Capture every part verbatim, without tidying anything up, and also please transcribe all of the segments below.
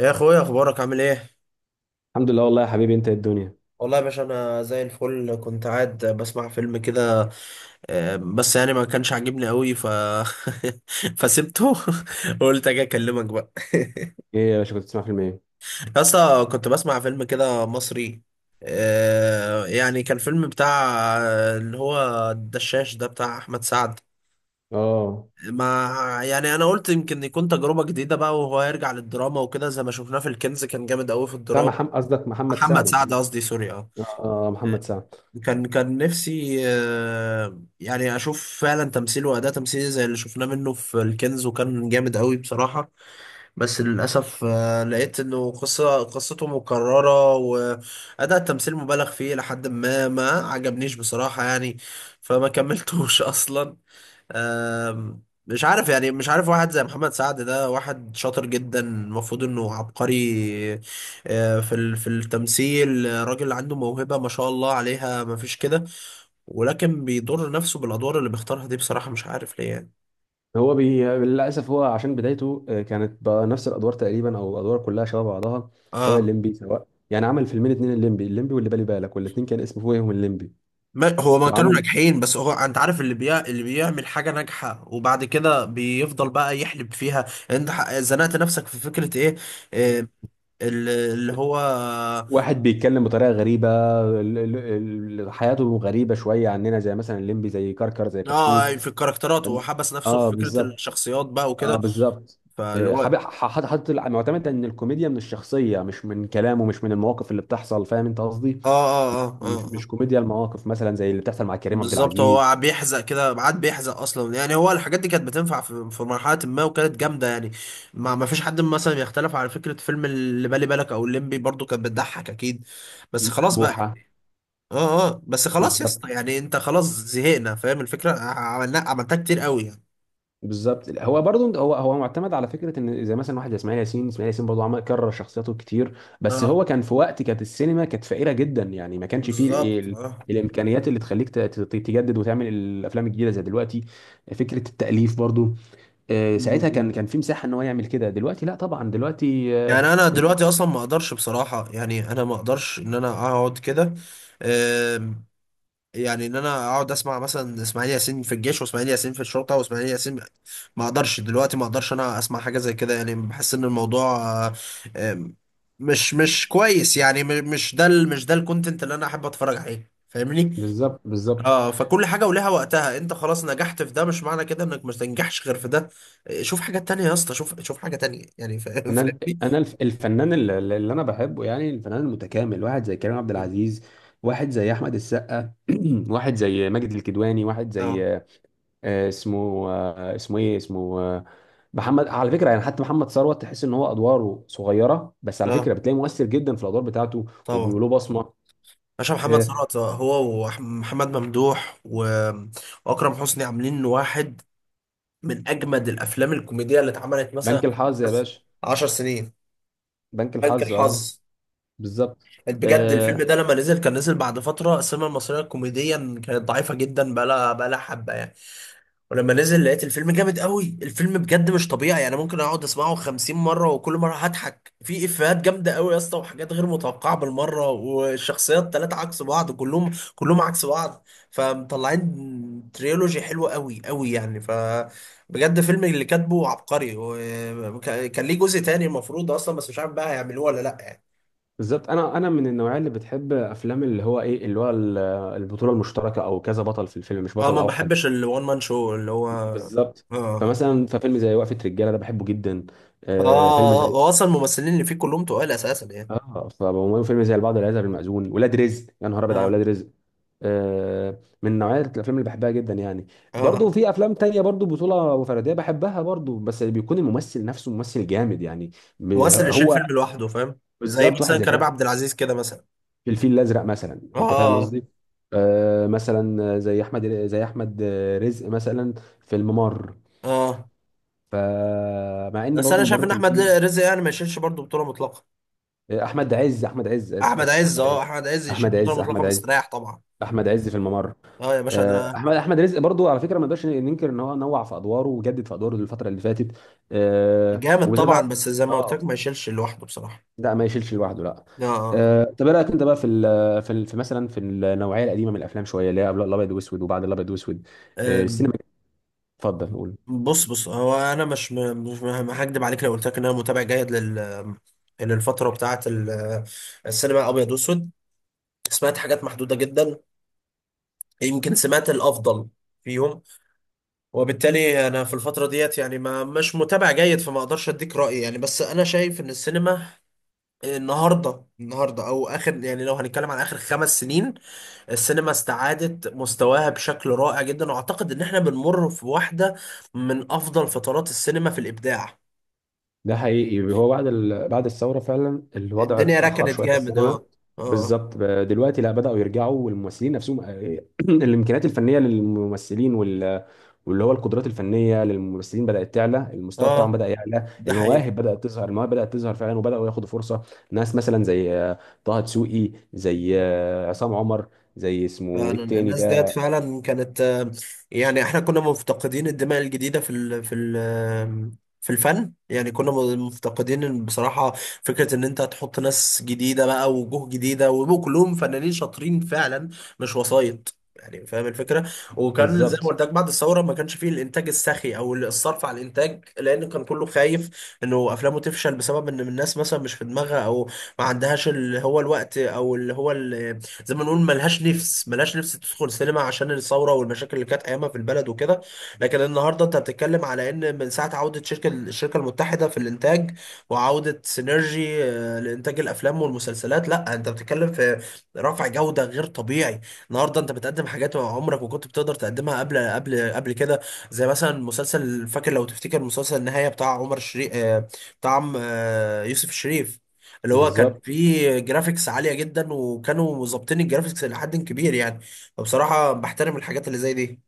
يا اخويا، اخبارك عامل ايه؟ الحمد لله، والله يا حبيبي. انت ايه الدنيا؟ والله يا باشا، انا زي الفل، كنت قاعد بسمع فيلم كده. آه، بس يعني ما كانش عاجبني قوي ف فسبته. قلت اجي اكلمك بقى. ايه يا باشا، كنت بتسمع فيلم ايه؟ اصلا كنت بسمع فيلم كده مصري. آه، يعني كان فيلم بتاع آه، اللي هو الدشاش ده بتاع احمد سعد. اه، ما يعني انا قلت يمكن يكون تجربة جديدة بقى، وهو يرجع للدراما وكده، زي ما شفناه في الكنز كان جامد قوي في بتاع الدراما. محمد، قصدك محمد سعد، محمد سعد محمد. قصدي، سوري. اه، اه. آه، محمد سعد. كان كان نفسي آه، يعني اشوف فعلا تمثيل واداء تمثيلي زي اللي شفناه منه في الكنز، وكان جامد قوي بصراحه. بس للاسف آه، لقيت انه قصه قصته مكرره، واداء التمثيل مبالغ فيه لحد ما ما عجبنيش بصراحه يعني. فما كملتوش اصلا. آم، مش عارف يعني، مش عارف، واحد زي محمد سعد ده واحد شاطر جدا، المفروض انه عبقري آه، في ال- في التمثيل. آه، راجل عنده موهبة ما شاء الله عليها، ما فيش كده. ولكن بيضر نفسه بالادوار اللي بيختارها دي، بصراحه مش عارف ليه يعني. هو بي... للاسف، هو عشان بدايته آه، كانت بنفس الادوار تقريبا، او الادوار كلها شبه بعضها. سواء اه، الليمبي، سواء يعني عمل فيلمين اتنين، الليمبي الليمبي واللي بالي بالك، والاتنين كان اسمه فوقهم الليمبي. ما هو ما كانوا وعمل ناجحين، بس هو انت عارف اللي بيع اللي بيعمل حاجه ناجحه وبعد كده بيفضل بقى يحلب فيها. يعني انت ح- زنقت نفسك في فكره ايه؟ إيه ال- اللي هو. واحد بيتكلم بطريقه غريبه. ال- ال- ال- حياته غريبه شويه عننا، زي مثلا الليمبي، زي كركر، زي اه، كتكوت. يعني في الكاركترات، وحبس نفسه في اه، فكره بالظبط. الشخصيات بقى اه وكده. بالظبط. فاللي آه، هو حابب اه. ح- ح- حاطط الع- معتمد ان الكوميديا من الشخصيه، مش من كلامه، مش من المواقف اللي بتحصل. فاهم انت قصدي؟ اه اه مش اه، مش آه. كوميديا المواقف، مثلا زي اللي بتحصل مع كريم عبد بالظبط، العزيز. هو بيحزق كده، عاد بيحزق اصلا. يعني هو الحاجات دي كانت بتنفع في في مرحله ما، وكانت جامده يعني. ما ما فيش حد مثلا يختلف على فكره فيلم اللي بالي بالك او الليمبي، برضو كانت بتضحك اكيد. بس خلاص بقى يعني. بوحه. اه اه، بس خلاص يا بالظبط، اسطى، يعني انت خلاص زهقنا، فاهم الفكره، عملنا عملتها كتير قوي يعني. بالظبط. هو برضو هو هو معتمد على فكره ان زي مثلا واحد زي اسماعيل ياسين. اسماعيل ياسين برضو عمل كرر شخصياته كتير، بس اه هو كان في وقت كانت السينما كانت فقيره جدا يعني، ما كانش فيه بالظبط، ال... ال- اه. الامكانيات اللي تخليك ت- ت- تجدد وتعمل الافلام الجديده زي دلوقتي. فكره التاليف برضو، آه، م- ساعتها كان م. كان في مساحه ان هو يعمل كده. دلوقتي لا طبعا، دلوقتي آه، يعني انا دلوقتي اصلا ما اقدرش بصراحه، يعني انا ما اقدرش ان انا اقعد كده. يعني ان انا اقعد اسمع مثلا اسماعيل ياسين في الجيش، واسماعيل ياسين في الشرطه، واسماعيل ياسين. ما اقدرش دلوقتي، ما اقدرش انا اسمع حاجه زي كده يعني. بحس ان الموضوع آه، آم، مش مش كويس يعني. م- مش ده ال- مش ده الكونتنت اللي انا احب اتفرج عليه، فاهمني. بالظبط، بالظبط. اه، فكل حاجه ولها وقتها. انت خلاص نجحت في ده، مش معنى كده انك مش تنجحش غير في ده. آه، شوف حاجات تانية يا اسطى، شوف شوف حاجه تانية يعني. فا- انا الف- فاهمني. انا الف- الفنان اللي اللي انا بحبه، يعني الفنان المتكامل، واحد زي كريم عبد العزيز. واحد زي احمد السقا، واحد زي ماجد الكدواني، واحد اه زي آه، اسمه آه، اسمه ايه، اسمه آه، محمد على فكره، يعني حتى محمد ثروت تحس ان هو ادواره صغيره، بس على اه، فكره بتلاقيه مؤثر جدا في الادوار بتاعته. طبعا. وبيقولوا بصمه. باشا، محمد آه، ثروت هو ومحمد ممدوح و- واكرم حسني عاملين واحد من اجمد الافلام الكوميديه اللي اتعملت مثلا. بنك الحظ يا بس باشا. 10 سنين. بنك بنك الحظ، اه، الحظ. بالظبط. بجد آه، الفيلم ده لما نزل، كان نزل بعد فتره السينما المصريه كوميديا كانت ضعيفه جدا، بقى لها بقى لها حبه يعني. ولما نزل لقيت الفيلم جامد قوي. الفيلم بجد مش طبيعي، يعني ممكن اقعد اسمعه 50 مره، وكل مره هضحك في افيهات جامده قوي يا اسطى، وحاجات غير متوقعه بالمره، والشخصيات ثلاثه عكس بعض، كلهم كلهم عكس بعض. فمطلعين تريلوجي حلوه قوي قوي يعني ف. بجد فيلم، اللي كاتبه عبقري، وكان كان ليه جزء تاني المفروض اصلا، بس مش عارف بقى هيعملوه ولا لا يعني. بالظبط. انا انا من النوعيه اللي بتحب افلام اللي هو ايه، اللي هو ال- البطوله المشتركه او كذا بطل في الفيلم، مش اه، بطل ما اوحد. بحبش الوان مان شو اللي هو اه. بالظبط. اه، فمثلا ففيلم زي وقفه رجاله ده بحبه جدا. آه فيلم آه، زي، هو اصلا الممثلين اللي فيه كلهم تقال اساسا يعني. اه، فبقوم- فيلم زي البعض لا يذهب المأذون، ولاد رزق، يا نهار ابيض على اه ولاد رزق. آه من نوعيه الافلام اللي بحبها جدا يعني. اه، برضو في افلام تانية برضو بطوله فرديه بحبها برضو، بس بيكون الممثل نفسه ممثل جامد يعني. ب- ممثل يشيل هو فيلم لوحده فاهم. زي بالظبط. واحد مثلا زي كريم كده عبد العزيز كده مثلا. في الفيل الازرق مثلا، انت فاهم اه قصدي؟ آه مثلا زي احمد زي احمد رزق مثلا، في الممر. اه، فمع ان بس برضو انا شايف الممر ان كان احمد فيه رزق يعني ما يشيلش برضه بطوله مطلقه. آه، احمد عز احمد عز، اسف احمد اسف، عز، احمد عز اه احمد عز يشيل احمد بطوله عز مطلقه احمد عز مستريح طبعا. احمد عز في الممر. اه يا باشا آه، ده. احمد احمد رزق برضو على فكره، ما نقدرش ننكر ان هو نوع في ادواره وجدد في ادواره الفتره اللي فاتت، آه، جامد وبالذات طبعا، بقى- بس زي ما قلت لك، اه، ما يشيلش لوحده بصراحه. لا ما يشيلش لوحده، لا. اه، آه. أه طب ايه رايك انت بقى في ال في ال في مثلا في النوعيه القديمه من الافلام شويه، اللي هي قبل الابيض واسود وبعد الابيض واسود. آه. أه آم، السينما. اتفضل قول. بص بص، هو انا مش م- مش م- هكدب عليك لو قلت لك ان انا متابع جيد لل للفتره بتاعه ال- السينما الابيض واسود. سمعت حاجات محدوده جدا، يمكن سمعت الافضل فيهم. وبالتالي انا في الفتره ديت يعني ما، مش متابع جيد، فما اقدرش اديك رايي يعني. بس انا شايف ان السينما النهارده النهارده او اخر، يعني لو هنتكلم عن اخر خمس سنين، السينما استعادت مستواها بشكل رائع جدا. واعتقد ان احنا بنمر في واحده من افضل فترات السينما في الابداع. ده حقيقي، هو بعد ال... بعد الثورة فعلا الوضع الدنيا اتأخر ركنت شوية في جامد السينما. اه. اه بالظبط، ب- دلوقتي لا، بدأوا يرجعوا. والممثلين نفسهم، الإمكانيات الفنية للممثلين وال... واللي هو القدرات الفنية للممثلين بدأت تعلى، المستوى بتاعهم اه، بدأ يعلى، ده حقيقي. المواهب بدأت تظهر المواهب بدأت تظهر فعلا، وبدأوا ياخدوا فرصة. ناس مثلا زي آه، طه دسوقي، زي آه، عصام عمر، زي اسمه إيه فعلا التاني الناس ديت ده. فعلا كانت آه، يعني احنا كنا مفتقدين الدماء الجديدة في ال في ال آه، في الفن يعني. كنا مفتقدين، إن بصراحة فكرة ان انت تحط ناس جديدة بقى ووجوه جديدة، ويبقوا كلهم فنانين شاطرين فعلا، مش وسايط يعني، فاهم الفكرة. وكان زي ما بالظبط، قلت لك، بعد الثورة ما كانش فيه الانتاج السخي او الصرف على الانتاج، لان كان كله خايف انه افلامه تفشل بسبب ان الناس مثلا مش في دماغها، او ما عندهاش اللي هو الوقت، او اللي هو ال- زي ما نقول ملهاش نفس، ملهاش نفس تدخل سينما عشان الثوره والمشاكل اللي كانت ايامها في البلد وكده. لكن النهارده انت بتتكلم على ان من ساعه عوده شركه، الشركه المتحده في الانتاج وعوده سينرجي آه، لانتاج الافلام والمسلسلات، لا انت بتتكلم في رفع جوده غير طبيعي. النهارده انت بتقدم حاجات عمرك ما كنت بتقدر تقدمها قبل قبل قبل كده. زي مثلا مسلسل، فاكر لو تفتكر مسلسل النهايه بتاع عمر شريف بتاع عم- آه، يوسف الشريف، اللي هو كان بالظبط. فيه جرافيكس عالية جدا، وكانوا مظبطين الجرافيكس لحد كبير يعني. فبصراحة بحترم الحاجات اللي زي دي.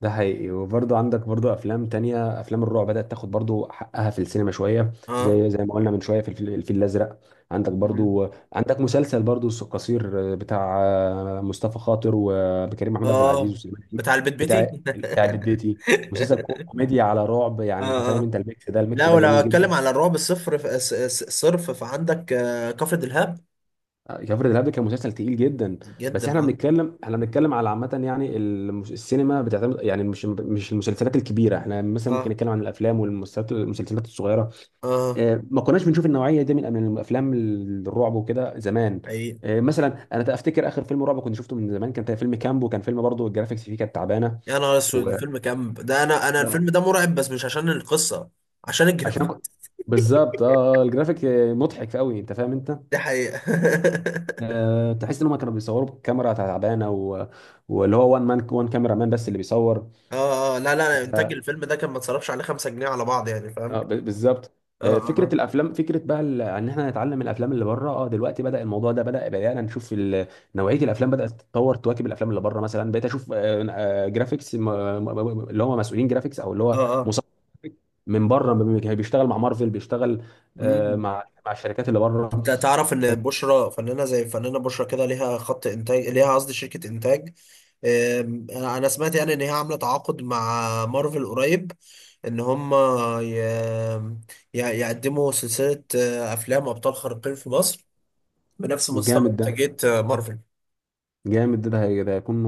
ده حقيقي. وبرضه عندك برضه افلام تانية، افلام الرعب بدأت تاخد برضه حقها في السينما شوية، اه، زي زي ما قلنا من شوية في الفيل الفيل الازرق. عندك مم. برضه عندك مسلسل برضه س- قصير بتاع مصطفى خاطر وكريم محمود عبد العزيز اه، وسليمان عيد. بتاع البيت بتاع بيتي. بتاع البيت بيتي، مسلسل كو- كوميديا على رعب، يعني انت اه فاهم اه، انت؟ الميكس ده الميكس لا ده ولو جميل جدا. اتكلم على الرعب الصفر ف- س- س- صرف، فعندك آه، كفر دلهاب، جعفر الإرهاب ده كان مسلسل تقيل جدا. بس جدا احنا اه. بنتكلم احنا بنتكلم على عامة يعني، المس- السينما بتعتمد يعني، مش مش المسلسلات الكبيرة. احنا مثلا ممكن اه نتكلم عن الأفلام والمسلسلات، المسلسلات الصغيرة. اه، اه، ما كناش بنشوف النوعية دي من من الأفلام، الرعب وكده زمان. حقيقي. اه، مثلا انا افتكر اخر فيلم رعب كنت شفته من زمان كان فيلم كامبو، كان فيلم برضه الجرافيكس فيه كانت تعبانة يا نهار اسود، و الفيلم كامب ده، انا انا الفيلم اه، ده مرعب بس مش عشان القصة، عشان الجرافيك. عشان بالظبط، اه الجرافيك، اه، مضحك قوي انت فاهم انت؟ دي حقيقة. آه، تحس ان هم كانوا بيصوروا بكاميرا تعبانه و... واللي هو وان مان وان كاميرا مان بس اللي بيصور. اه اه، لا لا، انتاج الفيلم ده كان ما اتصرفش عليه خمسة جنيه على بعض يعني، فاهم. آه، ب- بالظبط. اه آه، فكره اه الافلام، فكره بقى ال- ان احنا نتعلم من الافلام اللي بره. اه، دلوقتي بدا الموضوع ده، بدا بدانا نشوف ال- نوعيه الافلام بدات تتطور تواكب الافلام اللي بره. مثلا بقيت اشوف آه، آه، جرافيكس، م- م- م- اللي هم مسؤولين جرافيكس او اللي اه هو اه، مصمم جرافيك، من بره بي- بيشتغل مع مارفل، بيشتغل آه، امم. مع مع الشركات اللي بره. انت تعرف ان آه، بشرى، فنانه زي فنانه بشرى كده، ليها خط انتاج ليها، قصدي شركه انتاج. آم، انا سمعت يعني ان هي عامله تعاقد مع مارفل قريب، ان هم ي... ي- يقدموا سلسله آه، افلام ابطال خارقين في مصر، بنفس مستوى جامد ده، انتاجيه آه، مارفل. جامد ده. ده هي- ده هيكون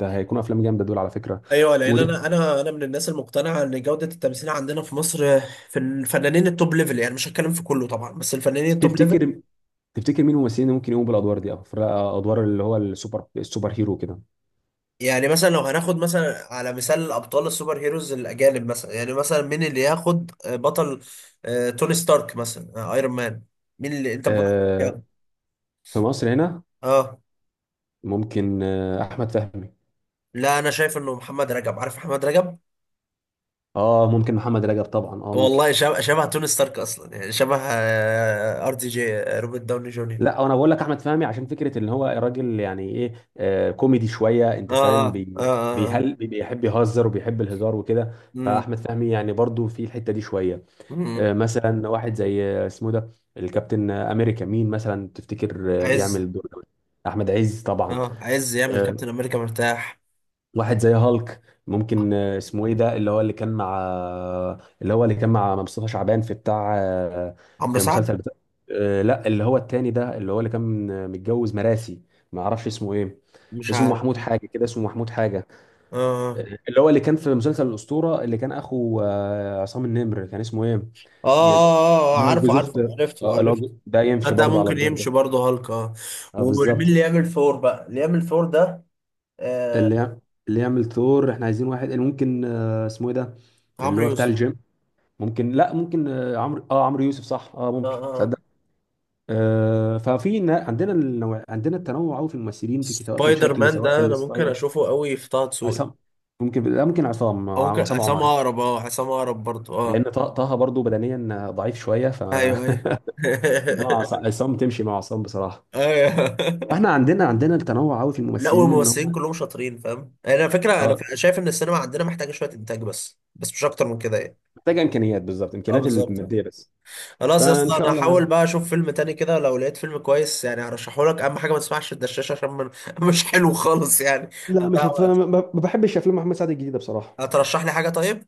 ده هيكون افلام جامده دول على فكره. ايوه، لان مم. انا انا انا من الناس المقتنعه ان جوده التمثيل عندنا في مصر في الفنانين التوب ليفل، يعني مش هتكلم في كله طبعا، بس الفنانين التوب ليفل. وتفتكر تفتكر مين الممثلين اللي ممكن يقوموا بالادوار دي، او في ادوار اللي هو السوبر السوبر هيرو كده؟ يعني مثلا لو هناخد مثلا على مثال ابطال السوبر هيروز الاجانب، مثلا يعني مثلا مين اللي ياخد بطل آه، توني ستارك مثلا، آه، ايرون مان. مين اللي انت ب- آه في مصر هنا اه. ممكن آه احمد فهمي. لا، انا شايف انه محمد رجب، عارف محمد رجب؟ اه، ممكن محمد رجب طبعا، اه ممكن. والله شبه، شبه توني ستارك اصلا يعني، شبه ار دي جي روبرت داوني جونيور. لا انا بقول لك احمد فهمي، عشان فكره ان هو راجل يعني ايه، آه كوميدي شويه، انت اه فاهم اه اه بي اه، آه. بيهل بيحب يهزر وبيحب الهزار وكده. فاحمد مم. فهمي يعني برضو في الحته دي شويه. آه، مم. مثلا واحد زي آه، اسمه ده الكابتن آه، امريكا، مين مثلا تفتكر آه، يعمل عز. الدور ده؟ احمد عز طبعا. اه، عز يعمل آه، كابتن امريكا مرتاح. واحد زي هالك، ممكن آه، اسمه ايه ده؟ اللي هو اللي كان مع آه، اللي هو اللي كان مع مصطفى شعبان في بتاع آه، عمرو في سعد. مسلسل بتاع آه، لا، اللي هو التاني ده، اللي هو اللي كان آه، متجوز مراسي. ما اعرفش اسمه ايه. مش اسمه عارف محمود اه. حاجه كده، اسمه محمود حاجه، اه اه اللي هو اللي كان في مسلسل الأسطورة، اللي كان أخو آه، عصام النمر، كان اسمه إيه؟ اه جل- آه، اللي هو عارفه جوز أخت، عارفه، عرفته آه، اللي هو عرفته. ج- ده يمشي ده برضه على ممكن الدور ده. يمشي برضه هالك اه. اه، ومين بالظبط. اللي يعمل ثور بقى، اللي يعمل ثور ده؟ آه. اللي يع- اللي يعمل ثور، احنا عايزين واحد اللي ممكن آه، اسمه إيه ده؟ اللي عمرو هو بتاع يوسف. الجيم. ممكن، لا ممكن آه، عمرو اه عمرو يوسف صح، اه اه ممكن، اه، آه. تصدق. آه ففي ن- عندنا النوع... عندنا التنوع قوي في الممثلين، في سواء في سبايدر الشكل مان سواء في ده انا ممكن الستايل. اشوفه قوي في طه دسوقي، عصام، ممكن، لا ممكن عصام، او آه، ممكن عصام عصام عمر. اقرب اه، عصام اقرب برضه لان اه. طه طه برضه بدنيا آه، ضعيف شويه ف ايوه ايوه. انما عص- عصام، تمشي مع عصام بصراحه. ايوه. واحنا عندنا عندنا التنوع قوي في لا، الممثلين ان والممثلين هم كلهم شاطرين فاهم يعني. انا فكره، انا اه اه ف- شايف ان السينما عندنا محتاجه شويه انتاج بس، بس مش اكتر من كده يعني. محتاجه امكانيات، بالظبط اه امكانيات بالظبط اه. الماديه بس. خلاص يا فان اسطى، شاء انا الله يعني. هحاول بقى اشوف فيلم تاني كده، لو لقيت فيلم كويس يعني هرشحه لك. اهم حاجه ما تسمعش الدشاش عشان من... مش حلو خالص يعني. لا، مش هتضيع هت... ما وقت. ما بحبش افلام محمد سعد الجديده بصراحه. هترشح لي حاجه طيب.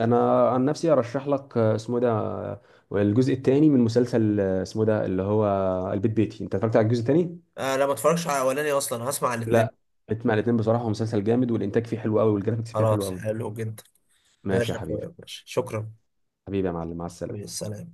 انا عن نفسي ارشح لك آه، اسمه ده، آه، الجزء الثاني من مسلسل آه، اسمه ده اللي هو البيت بيتي. انت اتفرجت على الجزء الثاني؟ آه، لا ما اتفرجش على الاولاني اصلا، هسمع الاثنين. لا، اسمع الاثنين بصراحه، هو مسلسل جامد، والانتاج فيه حلو قوي، والجرافيكس فيه حلو خلاص، قوي. حلو جدا. ماشي ماشي يا يا حبيبي. اخويا، ماشي، شكرا. حبيبي يا معلم، مع حبيبي، السلامه. سلام.